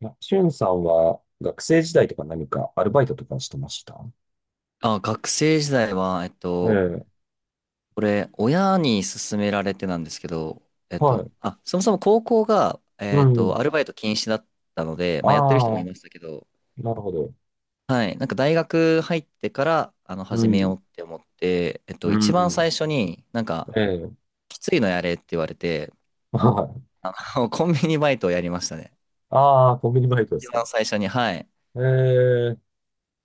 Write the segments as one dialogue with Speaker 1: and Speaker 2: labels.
Speaker 1: なしゅんさんは学生時代とか何かアルバイトとかしてました
Speaker 2: あ、学生時代は、
Speaker 1: ええ、
Speaker 2: これ、親に勧められてなんですけど、
Speaker 1: はい。
Speaker 2: あ、そもそも高校が、
Speaker 1: うん。
Speaker 2: アルバイト禁止だったので、まあ、やってる人も
Speaker 1: あ
Speaker 2: い
Speaker 1: あ、
Speaker 2: ましたけど、
Speaker 1: なるほど。
Speaker 2: はい、なんか大学入ってから、
Speaker 1: う
Speaker 2: 始めよう
Speaker 1: ん。
Speaker 2: って思って、
Speaker 1: う
Speaker 2: 一番
Speaker 1: ん。
Speaker 2: 最初になんか、
Speaker 1: ええ、
Speaker 2: きついのやれって言われて、
Speaker 1: はい。
Speaker 2: コンビニバイトをやりましたね。
Speaker 1: ああ、コンビニバイトで
Speaker 2: 一
Speaker 1: すか。
Speaker 2: 番最初に、はい。
Speaker 1: ええ、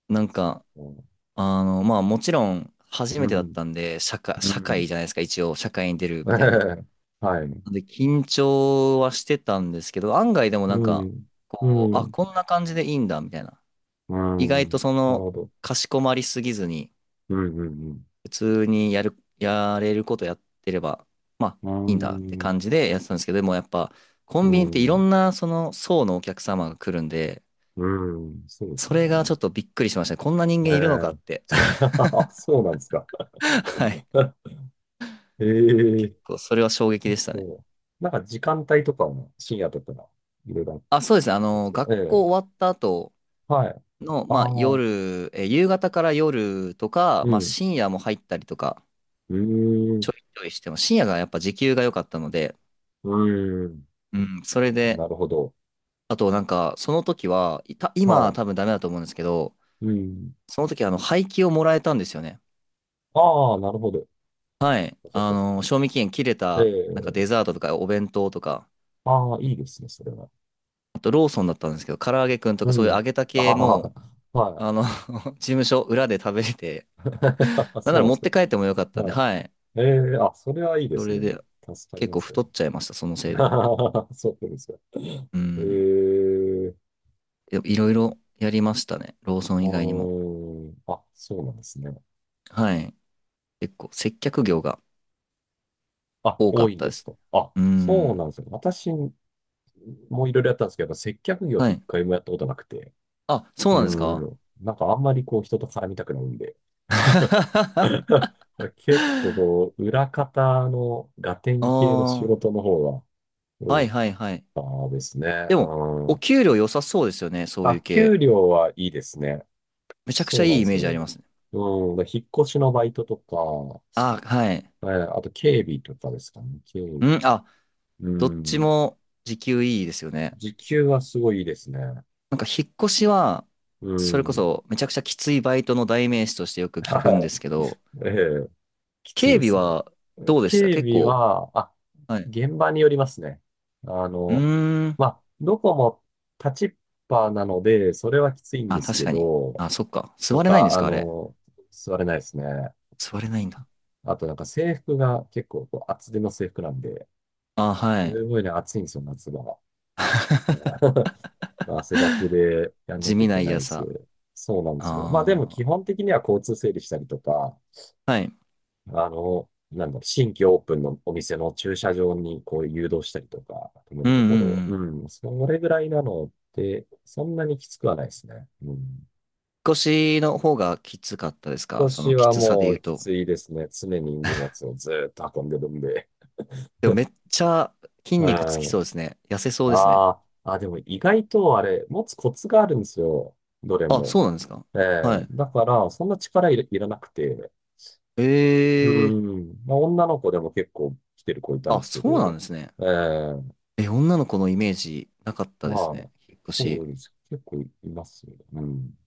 Speaker 2: なんか、
Speaker 1: うん。
Speaker 2: まあ、もちろん、初めてだったんで、社会、
Speaker 1: う
Speaker 2: 社会
Speaker 1: ん。
Speaker 2: じゃないですか、一応、社会に出る
Speaker 1: え
Speaker 2: みたいな。
Speaker 1: え、はい。
Speaker 2: で、緊張はしてたんですけど、案外でもな
Speaker 1: う
Speaker 2: んか、
Speaker 1: ん。うん。
Speaker 2: こんな感じでいいんだ、みたいな。
Speaker 1: う
Speaker 2: 意外と
Speaker 1: ん。
Speaker 2: そ
Speaker 1: なる
Speaker 2: の、
Speaker 1: ほど。
Speaker 2: かしこまりすぎずに、
Speaker 1: うん。うん。
Speaker 2: 普通にやれることやってれば、まあ、
Speaker 1: う
Speaker 2: いいんだって
Speaker 1: ん。
Speaker 2: 感じでやってたんですけど、でもやっぱ、コ
Speaker 1: う
Speaker 2: ンビニってい
Speaker 1: ん。う
Speaker 2: ろ
Speaker 1: ん。
Speaker 2: んなその層のお客様が来るんで、
Speaker 1: うんそうです
Speaker 2: それが
Speaker 1: よ
Speaker 2: ちょっとびっくりしましたね。こんな人
Speaker 1: ね。
Speaker 2: 間
Speaker 1: え
Speaker 2: いるのかっ
Speaker 1: え。
Speaker 2: て。
Speaker 1: そうなんですか。
Speaker 2: はい。
Speaker 1: ええ
Speaker 2: それは衝撃でしたね。
Speaker 1: そう。なんか時間帯とかも深夜とかいろいろあっ
Speaker 2: あ、そうですね。
Speaker 1: たんですが、
Speaker 2: 学
Speaker 1: ええ、
Speaker 2: 校終わった後
Speaker 1: はい。
Speaker 2: の、
Speaker 1: あ
Speaker 2: まあ、
Speaker 1: あ、
Speaker 2: 夜、夕方から夜とか、
Speaker 1: う
Speaker 2: まあ、
Speaker 1: ん、
Speaker 2: 深夜も入ったりとか
Speaker 1: うーん、
Speaker 2: ちょいちょいしても、深夜がやっぱ時給が良かったので、
Speaker 1: うーん、
Speaker 2: うん、それで、
Speaker 1: なるほど。
Speaker 2: あとなんか、その時は、今
Speaker 1: は
Speaker 2: は
Speaker 1: い、
Speaker 2: 多分ダメだと思うんですけど、
Speaker 1: うん。
Speaker 2: その時廃棄をもらえたんですよね。
Speaker 1: ああ、なるほど。
Speaker 2: はい。
Speaker 1: そっかそっか。
Speaker 2: 賞味期限切れ
Speaker 1: え
Speaker 2: た、
Speaker 1: え、
Speaker 2: なんかデザートとかお弁当とか、
Speaker 1: ああ、いいですね、それは。
Speaker 2: あとローソンだったんですけど、唐揚げくんと
Speaker 1: う
Speaker 2: かそういう
Speaker 1: ん。
Speaker 2: 揚げた
Speaker 1: あ
Speaker 2: 系
Speaker 1: あ、
Speaker 2: も、
Speaker 1: は
Speaker 2: 事務所裏で食べれ
Speaker 1: い。
Speaker 2: て、なん
Speaker 1: そ
Speaker 2: な
Speaker 1: う
Speaker 2: ら
Speaker 1: なんで
Speaker 2: 持
Speaker 1: す
Speaker 2: っ
Speaker 1: か。
Speaker 2: て帰ってもよかったんで、
Speaker 1: はい。
Speaker 2: はい。
Speaker 1: ええ、あ、それはいいで
Speaker 2: そ
Speaker 1: す
Speaker 2: れ
Speaker 1: ね。
Speaker 2: で
Speaker 1: 助かり
Speaker 2: 結
Speaker 1: ま
Speaker 2: 構
Speaker 1: すよ
Speaker 2: 太
Speaker 1: ね。
Speaker 2: っちゃいました、そのせいで。
Speaker 1: そうですか。
Speaker 2: う
Speaker 1: え
Speaker 2: ん。
Speaker 1: え、
Speaker 2: でもいろいろやりましたね。ローソ
Speaker 1: あ
Speaker 2: ン以外にも。
Speaker 1: ーあ、そうなんですね。
Speaker 2: はい。結構接客業が
Speaker 1: あ、
Speaker 2: 多か
Speaker 1: 多
Speaker 2: っ
Speaker 1: いん
Speaker 2: た
Speaker 1: で
Speaker 2: で
Speaker 1: す
Speaker 2: す
Speaker 1: か。
Speaker 2: ね。
Speaker 1: あ、
Speaker 2: う
Speaker 1: そうな
Speaker 2: ん。
Speaker 1: んですよ。私もいろいろやったんですけど、やっぱ接客業っ
Speaker 2: は
Speaker 1: て一
Speaker 2: い。
Speaker 1: 回もやったことなくて。
Speaker 2: あ、そう
Speaker 1: う
Speaker 2: なんですか？
Speaker 1: ーん。なんかあんまりこう人と絡みたくないんで。
Speaker 2: あ
Speaker 1: 結構こう、裏方のガテン系の仕
Speaker 2: あ、
Speaker 1: 事の方が
Speaker 2: は
Speaker 1: 多
Speaker 2: いはいはい。
Speaker 1: かったですね。
Speaker 2: でも、
Speaker 1: う
Speaker 2: お
Speaker 1: ん。
Speaker 2: 給料良さそうですよね、そうい
Speaker 1: あ、
Speaker 2: う系。
Speaker 1: 給料はいいですね。
Speaker 2: めちゃくち
Speaker 1: そ
Speaker 2: ゃ
Speaker 1: うな
Speaker 2: い
Speaker 1: ん
Speaker 2: い
Speaker 1: で
Speaker 2: イ
Speaker 1: す
Speaker 2: メージありま
Speaker 1: よ。
Speaker 2: すね。
Speaker 1: うん。で引っ越しのバイトとか、
Speaker 2: あ、はい。
Speaker 1: あと警備とかですかね。警備。
Speaker 2: うん、あ、
Speaker 1: う
Speaker 2: どっち
Speaker 1: ん。
Speaker 2: も時給いいですよね。
Speaker 1: 時給はすごいいいですね。
Speaker 2: なんか引っ越しは、
Speaker 1: う
Speaker 2: それこ
Speaker 1: ん。
Speaker 2: そめちゃくちゃきついバイトの代名詞としてよく聞くんで
Speaker 1: は
Speaker 2: すけど、
Speaker 1: い。ええ、きつい
Speaker 2: 警
Speaker 1: で
Speaker 2: 備
Speaker 1: すね。
Speaker 2: はどうでした、
Speaker 1: 警
Speaker 2: 結
Speaker 1: 備
Speaker 2: 構？
Speaker 1: は、
Speaker 2: はい。
Speaker 1: 現場によりますね。あ
Speaker 2: う
Speaker 1: の、
Speaker 2: ーん。
Speaker 1: まあ、どこも立ちっぱなので、それはきついん
Speaker 2: あ、
Speaker 1: です
Speaker 2: 確
Speaker 1: け
Speaker 2: かに。
Speaker 1: ど、
Speaker 2: あ、そっか。
Speaker 1: と
Speaker 2: 座れないんで
Speaker 1: か、
Speaker 2: す
Speaker 1: あ
Speaker 2: か、あれ？
Speaker 1: の、座れないですね。
Speaker 2: 座れないんだ。
Speaker 1: あとなんか制服が結構こう厚手の制服なんで、
Speaker 2: あ、は
Speaker 1: す
Speaker 2: い。
Speaker 1: ごいね、暑いんですよ、夏が。汗だくでやんな
Speaker 2: 地
Speaker 1: きゃい
Speaker 2: 味な
Speaker 1: けないん
Speaker 2: 嫌
Speaker 1: ですよ。
Speaker 2: さ。
Speaker 1: そうなんですよ。まあでも基
Speaker 2: あ
Speaker 1: 本的には交通整理したりとか、
Speaker 2: あ。はい。
Speaker 1: 新規オープンのお店の駐車場にこう誘導したりとか、止め
Speaker 2: う
Speaker 1: る
Speaker 2: んう
Speaker 1: ところ
Speaker 2: ん
Speaker 1: を。
Speaker 2: うん。引
Speaker 1: う
Speaker 2: っ
Speaker 1: ん、それぐらいなので、そんなにきつくはないですね。うん。引
Speaker 2: 越しの方がきつかったです
Speaker 1: っ
Speaker 2: か、
Speaker 1: 越
Speaker 2: そ
Speaker 1: し
Speaker 2: のき
Speaker 1: は
Speaker 2: つさで
Speaker 1: も
Speaker 2: 言う
Speaker 1: うき
Speaker 2: と？
Speaker 1: ついですね。常に荷物をずーっと運んでるんで。
Speaker 2: でもめっちゃ筋
Speaker 1: う
Speaker 2: 肉つきそうで
Speaker 1: ん。
Speaker 2: すね。痩せそうです
Speaker 1: あ
Speaker 2: ね。
Speaker 1: あ、あ、でも意外とあれ、持つコツがあるんですよ。どれ
Speaker 2: あ、
Speaker 1: も。
Speaker 2: そうなんですか？
Speaker 1: ええ
Speaker 2: はい。
Speaker 1: だから、そんな力いら、いらなくて。う
Speaker 2: ええ、
Speaker 1: ん。まあ、女の子でも結構来てる子いたんで
Speaker 2: あ、
Speaker 1: すけ
Speaker 2: そうなん
Speaker 1: ど、
Speaker 2: ですね。
Speaker 1: ええ
Speaker 2: え、女の子のイメージなかったです
Speaker 1: は
Speaker 2: ね、
Speaker 1: い。
Speaker 2: 引っ越
Speaker 1: そ
Speaker 2: し。
Speaker 1: うです。結構いますよね。うん。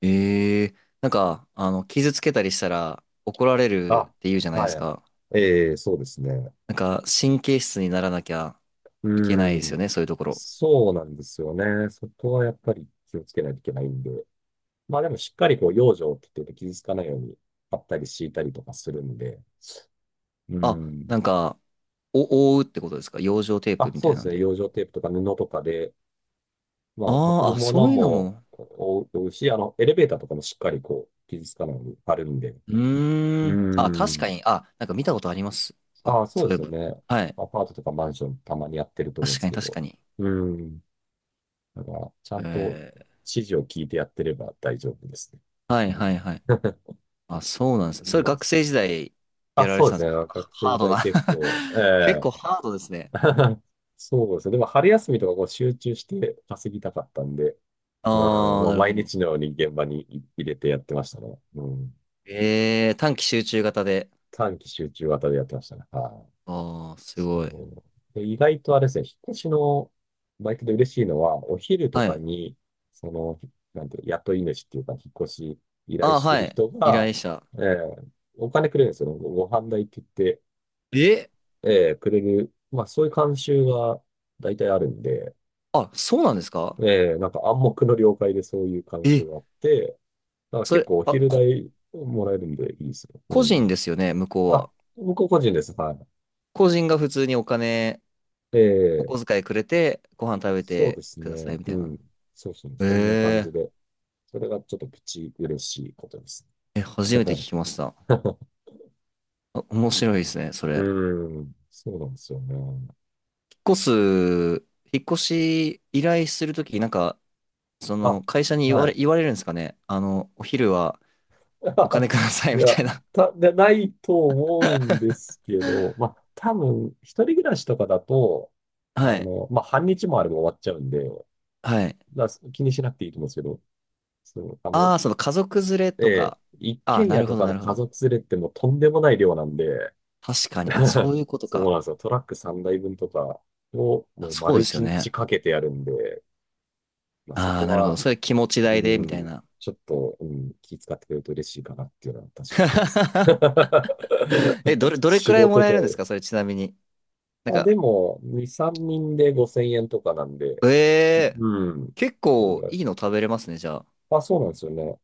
Speaker 2: ええ、なんか、傷つけたりしたら怒られる
Speaker 1: あ、
Speaker 2: って言うじゃないで
Speaker 1: は
Speaker 2: す
Speaker 1: い。
Speaker 2: か。
Speaker 1: ええ、そうですね。
Speaker 2: なんか、神経質にならなきゃいけない
Speaker 1: う
Speaker 2: ですよ
Speaker 1: ん。
Speaker 2: ね、そういうところ。
Speaker 1: そうなんですよね。そこはやっぱり気をつけないといけないんで。まあでもしっかりこう、養生って言って傷つかないように、貼ったり敷いたりとかするんで。う
Speaker 2: あ、
Speaker 1: ん。
Speaker 2: なんか、覆うってことですか、養生テー
Speaker 1: あ、
Speaker 2: プみた
Speaker 1: そう
Speaker 2: い
Speaker 1: で
Speaker 2: な
Speaker 1: す
Speaker 2: ん
Speaker 1: ね。
Speaker 2: で？
Speaker 1: 養生テープとか布とかで、まあ、運
Speaker 2: あ
Speaker 1: ぶ
Speaker 2: ーあ、
Speaker 1: も
Speaker 2: そ
Speaker 1: の
Speaker 2: ういうの
Speaker 1: も
Speaker 2: も。
Speaker 1: 覆うし、エレベーターとかもしっかりこう、傷つかないように貼るんで。
Speaker 2: うー
Speaker 1: う
Speaker 2: ん。あ、確
Speaker 1: ん。
Speaker 2: かに。あ、なんか見たことあります。あ、
Speaker 1: ああ、そう
Speaker 2: そう
Speaker 1: で
Speaker 2: いえ
Speaker 1: すよ
Speaker 2: ば。
Speaker 1: ね。
Speaker 2: はい。
Speaker 1: アパートとかマンションたまにやってると思うん
Speaker 2: 確
Speaker 1: で
Speaker 2: か
Speaker 1: す
Speaker 2: に、
Speaker 1: け
Speaker 2: 確
Speaker 1: ど。
Speaker 2: かに。
Speaker 1: うん。だから、ちゃ
Speaker 2: え
Speaker 1: んと
Speaker 2: ー、
Speaker 1: 指示を聞いてやってれば大丈夫ですね。
Speaker 2: は
Speaker 1: う
Speaker 2: い、
Speaker 1: ん。
Speaker 2: はい、はい。あ、そうなんです。そ
Speaker 1: そう
Speaker 2: れ
Speaker 1: なんで
Speaker 2: 学
Speaker 1: す
Speaker 2: 生
Speaker 1: ね。
Speaker 2: 時代や
Speaker 1: あ、
Speaker 2: られ
Speaker 1: そ
Speaker 2: て
Speaker 1: うで
Speaker 2: たんで
Speaker 1: す
Speaker 2: す
Speaker 1: ね。
Speaker 2: けど、
Speaker 1: 学生
Speaker 2: ハー
Speaker 1: 時
Speaker 2: ド
Speaker 1: 代
Speaker 2: な
Speaker 1: 結構、え
Speaker 2: 結
Speaker 1: え
Speaker 2: 構ハードですね。
Speaker 1: そうですね。でも春休みとかこう集中して稼ぎたかったんで、うん、
Speaker 2: ああ、
Speaker 1: も
Speaker 2: な
Speaker 1: う
Speaker 2: るほ
Speaker 1: 毎
Speaker 2: ど。
Speaker 1: 日のように現場に入れてやってましたね。うん。
Speaker 2: ええ、短期集中型で。
Speaker 1: 短期集中型でやってましたね。はい
Speaker 2: ああ、す
Speaker 1: そ
Speaker 2: ごい。
Speaker 1: うで、意外とあれですね、引っ越しのバイトで嬉しいのは、お昼と
Speaker 2: は
Speaker 1: か
Speaker 2: い。
Speaker 1: に、その、なんていう、雇い主っていうか、引っ越し依頼
Speaker 2: ああ、
Speaker 1: して
Speaker 2: は
Speaker 1: る
Speaker 2: い。
Speaker 1: 人
Speaker 2: 依
Speaker 1: が、
Speaker 2: 頼者。
Speaker 1: えーお金くれるんですよ。ご飯代って言って、
Speaker 2: え、
Speaker 1: くれる。まあ、そういう慣習が大体あるんで、
Speaker 2: あ、そうなんですか？
Speaker 1: なんか暗黙の了解でそういう慣習
Speaker 2: え、
Speaker 1: があって、だから
Speaker 2: そ
Speaker 1: 結
Speaker 2: れ、
Speaker 1: 構お
Speaker 2: あ、
Speaker 1: 昼代もらえるんでいいですよ。う
Speaker 2: 個人で
Speaker 1: ん。
Speaker 2: すよね、向こうは。
Speaker 1: あ、僕個人です。はい。
Speaker 2: 個人が普通にお金、お
Speaker 1: ええ
Speaker 2: 小遣いくれて、ご飯食べ
Speaker 1: そう
Speaker 2: て
Speaker 1: です
Speaker 2: ください、
Speaker 1: ね。
Speaker 2: みた
Speaker 1: う
Speaker 2: いな。
Speaker 1: ん。そうそう、そんな感じ
Speaker 2: え
Speaker 1: で。それがちょっとプチ嬉しいことです。
Speaker 2: え、え、初めて聞きました。あ、面白いですね、そ
Speaker 1: う
Speaker 2: れ。
Speaker 1: ん、うんそうなんですよね。
Speaker 2: 越す、引っ越し依頼するとき、なんか、そ
Speaker 1: あ、
Speaker 2: の会社に
Speaker 1: はい。
Speaker 2: 言われるんですかね。お昼はお金くだ さ
Speaker 1: い
Speaker 2: いみ
Speaker 1: や、
Speaker 2: たいな。
Speaker 1: ないと思うんですけど、ま あ、多分、一人暮らしとかだと、
Speaker 2: はい。
Speaker 1: まあ、半日もあれば終わっちゃうんで、
Speaker 2: はい。
Speaker 1: だから気にしなくていいと思うんですけど、そう、あの、
Speaker 2: ああ、その家族連れ
Speaker 1: え
Speaker 2: と
Speaker 1: え、
Speaker 2: か。
Speaker 1: 一
Speaker 2: ああ、
Speaker 1: 軒
Speaker 2: な
Speaker 1: 家
Speaker 2: る
Speaker 1: と
Speaker 2: ほど、
Speaker 1: か
Speaker 2: な
Speaker 1: の
Speaker 2: るほ
Speaker 1: 家
Speaker 2: ど。
Speaker 1: 族連れってもうとんでもない量なんで、
Speaker 2: 確かに。あ、そ ういうこと
Speaker 1: そう
Speaker 2: か。
Speaker 1: なんですよ。トラック3台分とかを
Speaker 2: あ、
Speaker 1: もう
Speaker 2: そう
Speaker 1: 丸
Speaker 2: ですよ
Speaker 1: 1日
Speaker 2: ね。
Speaker 1: かけてやるんで、まあそ
Speaker 2: ああ、
Speaker 1: こ
Speaker 2: なるほど。
Speaker 1: は、
Speaker 2: それ気持ち
Speaker 1: う
Speaker 2: 代で、みた
Speaker 1: ん、
Speaker 2: いな。
Speaker 1: ちょっと、うん、気遣ってくれると嬉しいかなっていうのは確かに思います。
Speaker 2: え、どれく
Speaker 1: 仕
Speaker 2: らいも
Speaker 1: 事
Speaker 2: らえ
Speaker 1: と
Speaker 2: るん
Speaker 1: は
Speaker 2: で
Speaker 1: 言
Speaker 2: す
Speaker 1: う。
Speaker 2: か、それちなみに？なん
Speaker 1: あ、で
Speaker 2: か、
Speaker 1: も、2、3人で5000円とかなんで、
Speaker 2: ええ、
Speaker 1: うん。
Speaker 2: 結
Speaker 1: そう
Speaker 2: 構
Speaker 1: だ
Speaker 2: いいの食べれますね、じゃ
Speaker 1: あ、そうなんですよね。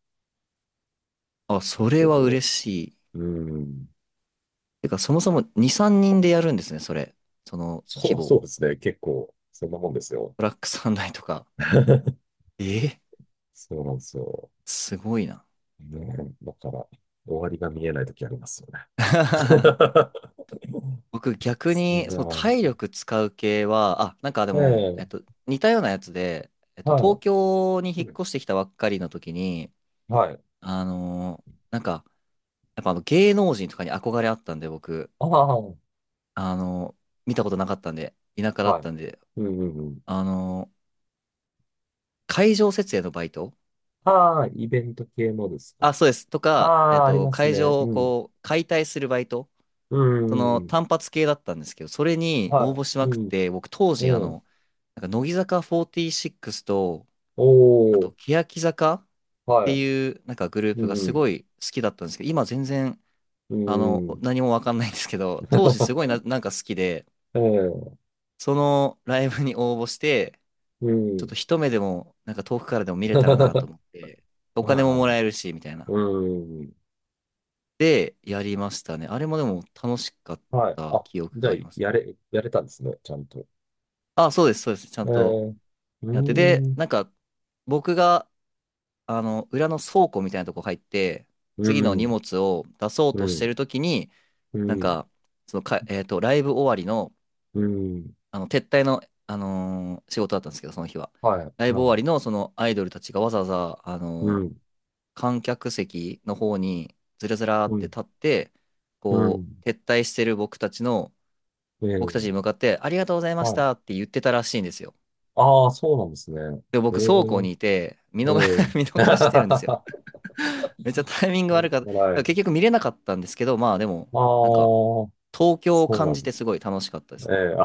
Speaker 2: あ。あ、
Speaker 1: そう
Speaker 2: それ
Speaker 1: そう
Speaker 2: は
Speaker 1: そ
Speaker 2: 嬉しい。
Speaker 1: う。うん。
Speaker 2: てか、そもそも2、3人でやるんですね、それ。その規
Speaker 1: そう、
Speaker 2: 模。
Speaker 1: そうですね。結構、そんなもんですよ。
Speaker 2: ブラックサンダイとか。えー
Speaker 1: そうなんですよ。
Speaker 2: すごいな。
Speaker 1: ねえ、だから、終わりが見えない時ありますよね。
Speaker 2: 僕逆
Speaker 1: そ
Speaker 2: に、その
Speaker 1: う
Speaker 2: 体力使う系は、あ、なんかで
Speaker 1: ね。え
Speaker 2: も、
Speaker 1: え、
Speaker 2: 似たようなやつで、
Speaker 1: は
Speaker 2: 東
Speaker 1: い。
Speaker 2: 京に引っ
Speaker 1: うん
Speaker 2: 越してきたばっかりの時に、
Speaker 1: はい。
Speaker 2: なんか、やっぱあの芸能人とかに憧れあったんで、僕、
Speaker 1: ああ、は
Speaker 2: あのー見たことなかったんで、田舎だったんで、
Speaker 1: い。うんうんうん。
Speaker 2: あのー会場設営のバイト、
Speaker 1: ああ、イベント系のです
Speaker 2: あ、
Speaker 1: か。
Speaker 2: そうです、と
Speaker 1: あ
Speaker 2: か、
Speaker 1: あ、あります
Speaker 2: 会
Speaker 1: ね。
Speaker 2: 場を
Speaker 1: うん。
Speaker 2: こう、解体するバイト、
Speaker 1: うん
Speaker 2: そ
Speaker 1: うんう
Speaker 2: の
Speaker 1: ん。
Speaker 2: 単発系だったんですけど、それに応
Speaker 1: は
Speaker 2: 募し
Speaker 1: い。
Speaker 2: ま
Speaker 1: う
Speaker 2: くっ
Speaker 1: ん。
Speaker 2: て、僕当
Speaker 1: え
Speaker 2: 時、
Speaker 1: え。
Speaker 2: なんか乃木坂46と、
Speaker 1: お
Speaker 2: あと、
Speaker 1: お、
Speaker 2: 欅坂って
Speaker 1: はい。
Speaker 2: いう、なんかグルー
Speaker 1: う
Speaker 2: プがす
Speaker 1: ん
Speaker 2: ごい好きだったんですけど、今全然、
Speaker 1: うん。うん。
Speaker 2: 何もわかんないんですけど、当時すごいな、なんか好きで、
Speaker 1: ええ、
Speaker 2: そのライブに応募して、
Speaker 1: う
Speaker 2: ちょっと
Speaker 1: ん。
Speaker 2: 一目でも、なんか遠くからでも見れたらなと
Speaker 1: は
Speaker 2: 思って、お
Speaker 1: い
Speaker 2: 金も
Speaker 1: は
Speaker 2: もら
Speaker 1: い。
Speaker 2: えるし、みたいな。
Speaker 1: うん。
Speaker 2: で、やりましたね。あれもでも楽しかっ
Speaker 1: はい。
Speaker 2: た
Speaker 1: あ、
Speaker 2: 記憶
Speaker 1: じゃ
Speaker 2: が
Speaker 1: あ、
Speaker 2: あります。
Speaker 1: やれ、やれたんですね、ちゃんと。
Speaker 2: あ、そうです、そうです。ちゃん
Speaker 1: え
Speaker 2: と
Speaker 1: え、う
Speaker 2: やって。で、
Speaker 1: ん。
Speaker 2: なんか、僕が、裏の倉庫みたいなとこ入って、
Speaker 1: う
Speaker 2: 次の荷
Speaker 1: ん、
Speaker 2: 物を出そう
Speaker 1: う
Speaker 2: として
Speaker 1: ん、
Speaker 2: るときに、
Speaker 1: う
Speaker 2: なん
Speaker 1: ん、
Speaker 2: か、ライブ終わりの、
Speaker 1: うん、
Speaker 2: 撤退の、仕事だったんですけど、その日は。
Speaker 1: はい。
Speaker 2: ライ
Speaker 1: う
Speaker 2: ブ終わり
Speaker 1: ん。
Speaker 2: の、そのアイドルたちがわざわざ、
Speaker 1: うん、
Speaker 2: 観客席の方に、ずらずらー
Speaker 1: う
Speaker 2: って
Speaker 1: ん、
Speaker 2: 立って、
Speaker 1: う
Speaker 2: こ
Speaker 1: ん、
Speaker 2: う、撤退してる
Speaker 1: え
Speaker 2: 僕たちに
Speaker 1: え、
Speaker 2: 向かって、ありがとうございまし
Speaker 1: はい。
Speaker 2: たって言ってたらしいんですよ。
Speaker 1: ああ、そうなんですね。
Speaker 2: で、
Speaker 1: え
Speaker 2: 僕、倉庫
Speaker 1: え、
Speaker 2: にいて、
Speaker 1: ええ。
Speaker 2: 見逃してるんです よ。めっちゃタイミング
Speaker 1: は
Speaker 2: 悪かった。だか
Speaker 1: い。
Speaker 2: ら
Speaker 1: あ
Speaker 2: 結局見れなかったんですけど、まあでも、なんか、
Speaker 1: あ、
Speaker 2: 東京を
Speaker 1: そうな
Speaker 2: 感
Speaker 1: んで
Speaker 2: じ
Speaker 1: すね。
Speaker 2: てすごい楽しかったです
Speaker 1: え
Speaker 2: ね。
Speaker 1: え、あ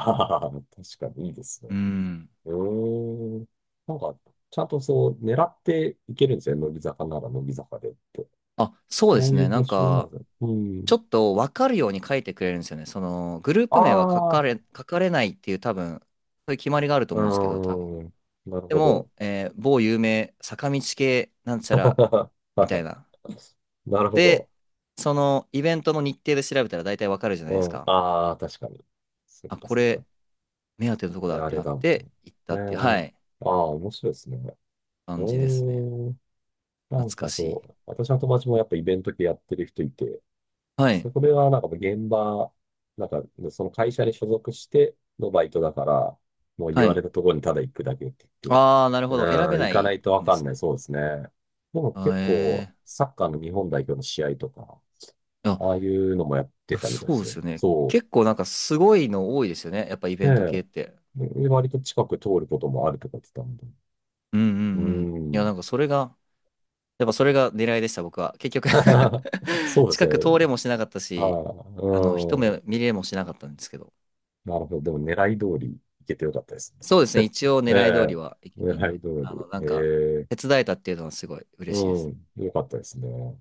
Speaker 1: あ、確かにいいです
Speaker 2: う
Speaker 1: ね。
Speaker 2: ん。
Speaker 1: うーん。なんか、ちゃんとそう、狙っていけるんですよね。乃木坂なら乃木坂でって。
Speaker 2: あ、
Speaker 1: そ
Speaker 2: そうです
Speaker 1: うい
Speaker 2: ね。
Speaker 1: う
Speaker 2: な
Speaker 1: 募
Speaker 2: ん
Speaker 1: 集なん
Speaker 2: か、
Speaker 1: ですね。う
Speaker 2: ちょ
Speaker 1: ん。
Speaker 2: っと分かるように書いてくれるんですよね。その、グループ名は書
Speaker 1: あ
Speaker 2: か
Speaker 1: あ、
Speaker 2: れ、書かれないっていう多分、そういう決まりがあると
Speaker 1: う
Speaker 2: 思うんですけど、多分。
Speaker 1: ーん。なる
Speaker 2: で
Speaker 1: ほど。
Speaker 2: も、某有名坂道系なんちゃら みたいな。
Speaker 1: なるほ
Speaker 2: で、
Speaker 1: ど。
Speaker 2: そのイベントの日程で調べたら大体わかるじゃないで
Speaker 1: う
Speaker 2: す
Speaker 1: ん。
Speaker 2: か。
Speaker 1: ああ、確かに。そっ
Speaker 2: あ、
Speaker 1: か
Speaker 2: こ
Speaker 1: そっ
Speaker 2: れ、
Speaker 1: か。
Speaker 2: 目当てのとこ
Speaker 1: これ
Speaker 2: だっ
Speaker 1: あ
Speaker 2: て
Speaker 1: れ
Speaker 2: なっ
Speaker 1: だ、と。
Speaker 2: て行っ
Speaker 1: え
Speaker 2: たっていう、は
Speaker 1: ー、
Speaker 2: い、
Speaker 1: ああ、面白いですね。う
Speaker 2: 感じですね。
Speaker 1: ーん。な
Speaker 2: 懐
Speaker 1: ん
Speaker 2: か
Speaker 1: か
Speaker 2: しい。
Speaker 1: そう、私の友達もやっぱイベント系やってる人いて、
Speaker 2: はい、
Speaker 1: そこではなんか現場、なんかねその会社に所属してのバイトだから、もう
Speaker 2: は
Speaker 1: 言わ
Speaker 2: い。
Speaker 1: れたところにただ行くだけって言って、
Speaker 2: ああ、なる
Speaker 1: う
Speaker 2: ほど。選べ
Speaker 1: ん、行
Speaker 2: な
Speaker 1: かな
Speaker 2: い
Speaker 1: いとわ
Speaker 2: んで
Speaker 1: かん
Speaker 2: す
Speaker 1: ない。
Speaker 2: ね。
Speaker 1: そうですね。でも
Speaker 2: あー、
Speaker 1: 結構、
Speaker 2: え
Speaker 1: サッカーの日本代表の試合とか、
Speaker 2: ー。あ、
Speaker 1: ああいうのもやっ
Speaker 2: い
Speaker 1: て
Speaker 2: や
Speaker 1: たみたいで
Speaker 2: そう
Speaker 1: す
Speaker 2: で
Speaker 1: よ。
Speaker 2: すよね。
Speaker 1: そ
Speaker 2: 結構なんかすごいの多いですよね、やっぱイベント系
Speaker 1: う。
Speaker 2: って。
Speaker 1: で、割と近く通ることもあるとか言ってたんで。
Speaker 2: うんう
Speaker 1: うー
Speaker 2: んうん。いや、なん
Speaker 1: ん。
Speaker 2: かそれが、やっぱそれが狙いでした、僕は。結局
Speaker 1: そう です
Speaker 2: 近く
Speaker 1: ね。
Speaker 2: 通れもしなかった
Speaker 1: は
Speaker 2: し、一
Speaker 1: い。う
Speaker 2: 目見れもしなかったんですけど。
Speaker 1: ん。なるほど。でも狙い通り行けてよかったですね。
Speaker 2: そうですね。一応
Speaker 1: え
Speaker 2: 狙い通
Speaker 1: え。
Speaker 2: りはいけたん
Speaker 1: 狙
Speaker 2: で、
Speaker 1: い通
Speaker 2: なん
Speaker 1: り。
Speaker 2: か、
Speaker 1: へえ。
Speaker 2: 手伝えたっていうのはすごい嬉しいです
Speaker 1: う
Speaker 2: ね。
Speaker 1: ん。よかったですね。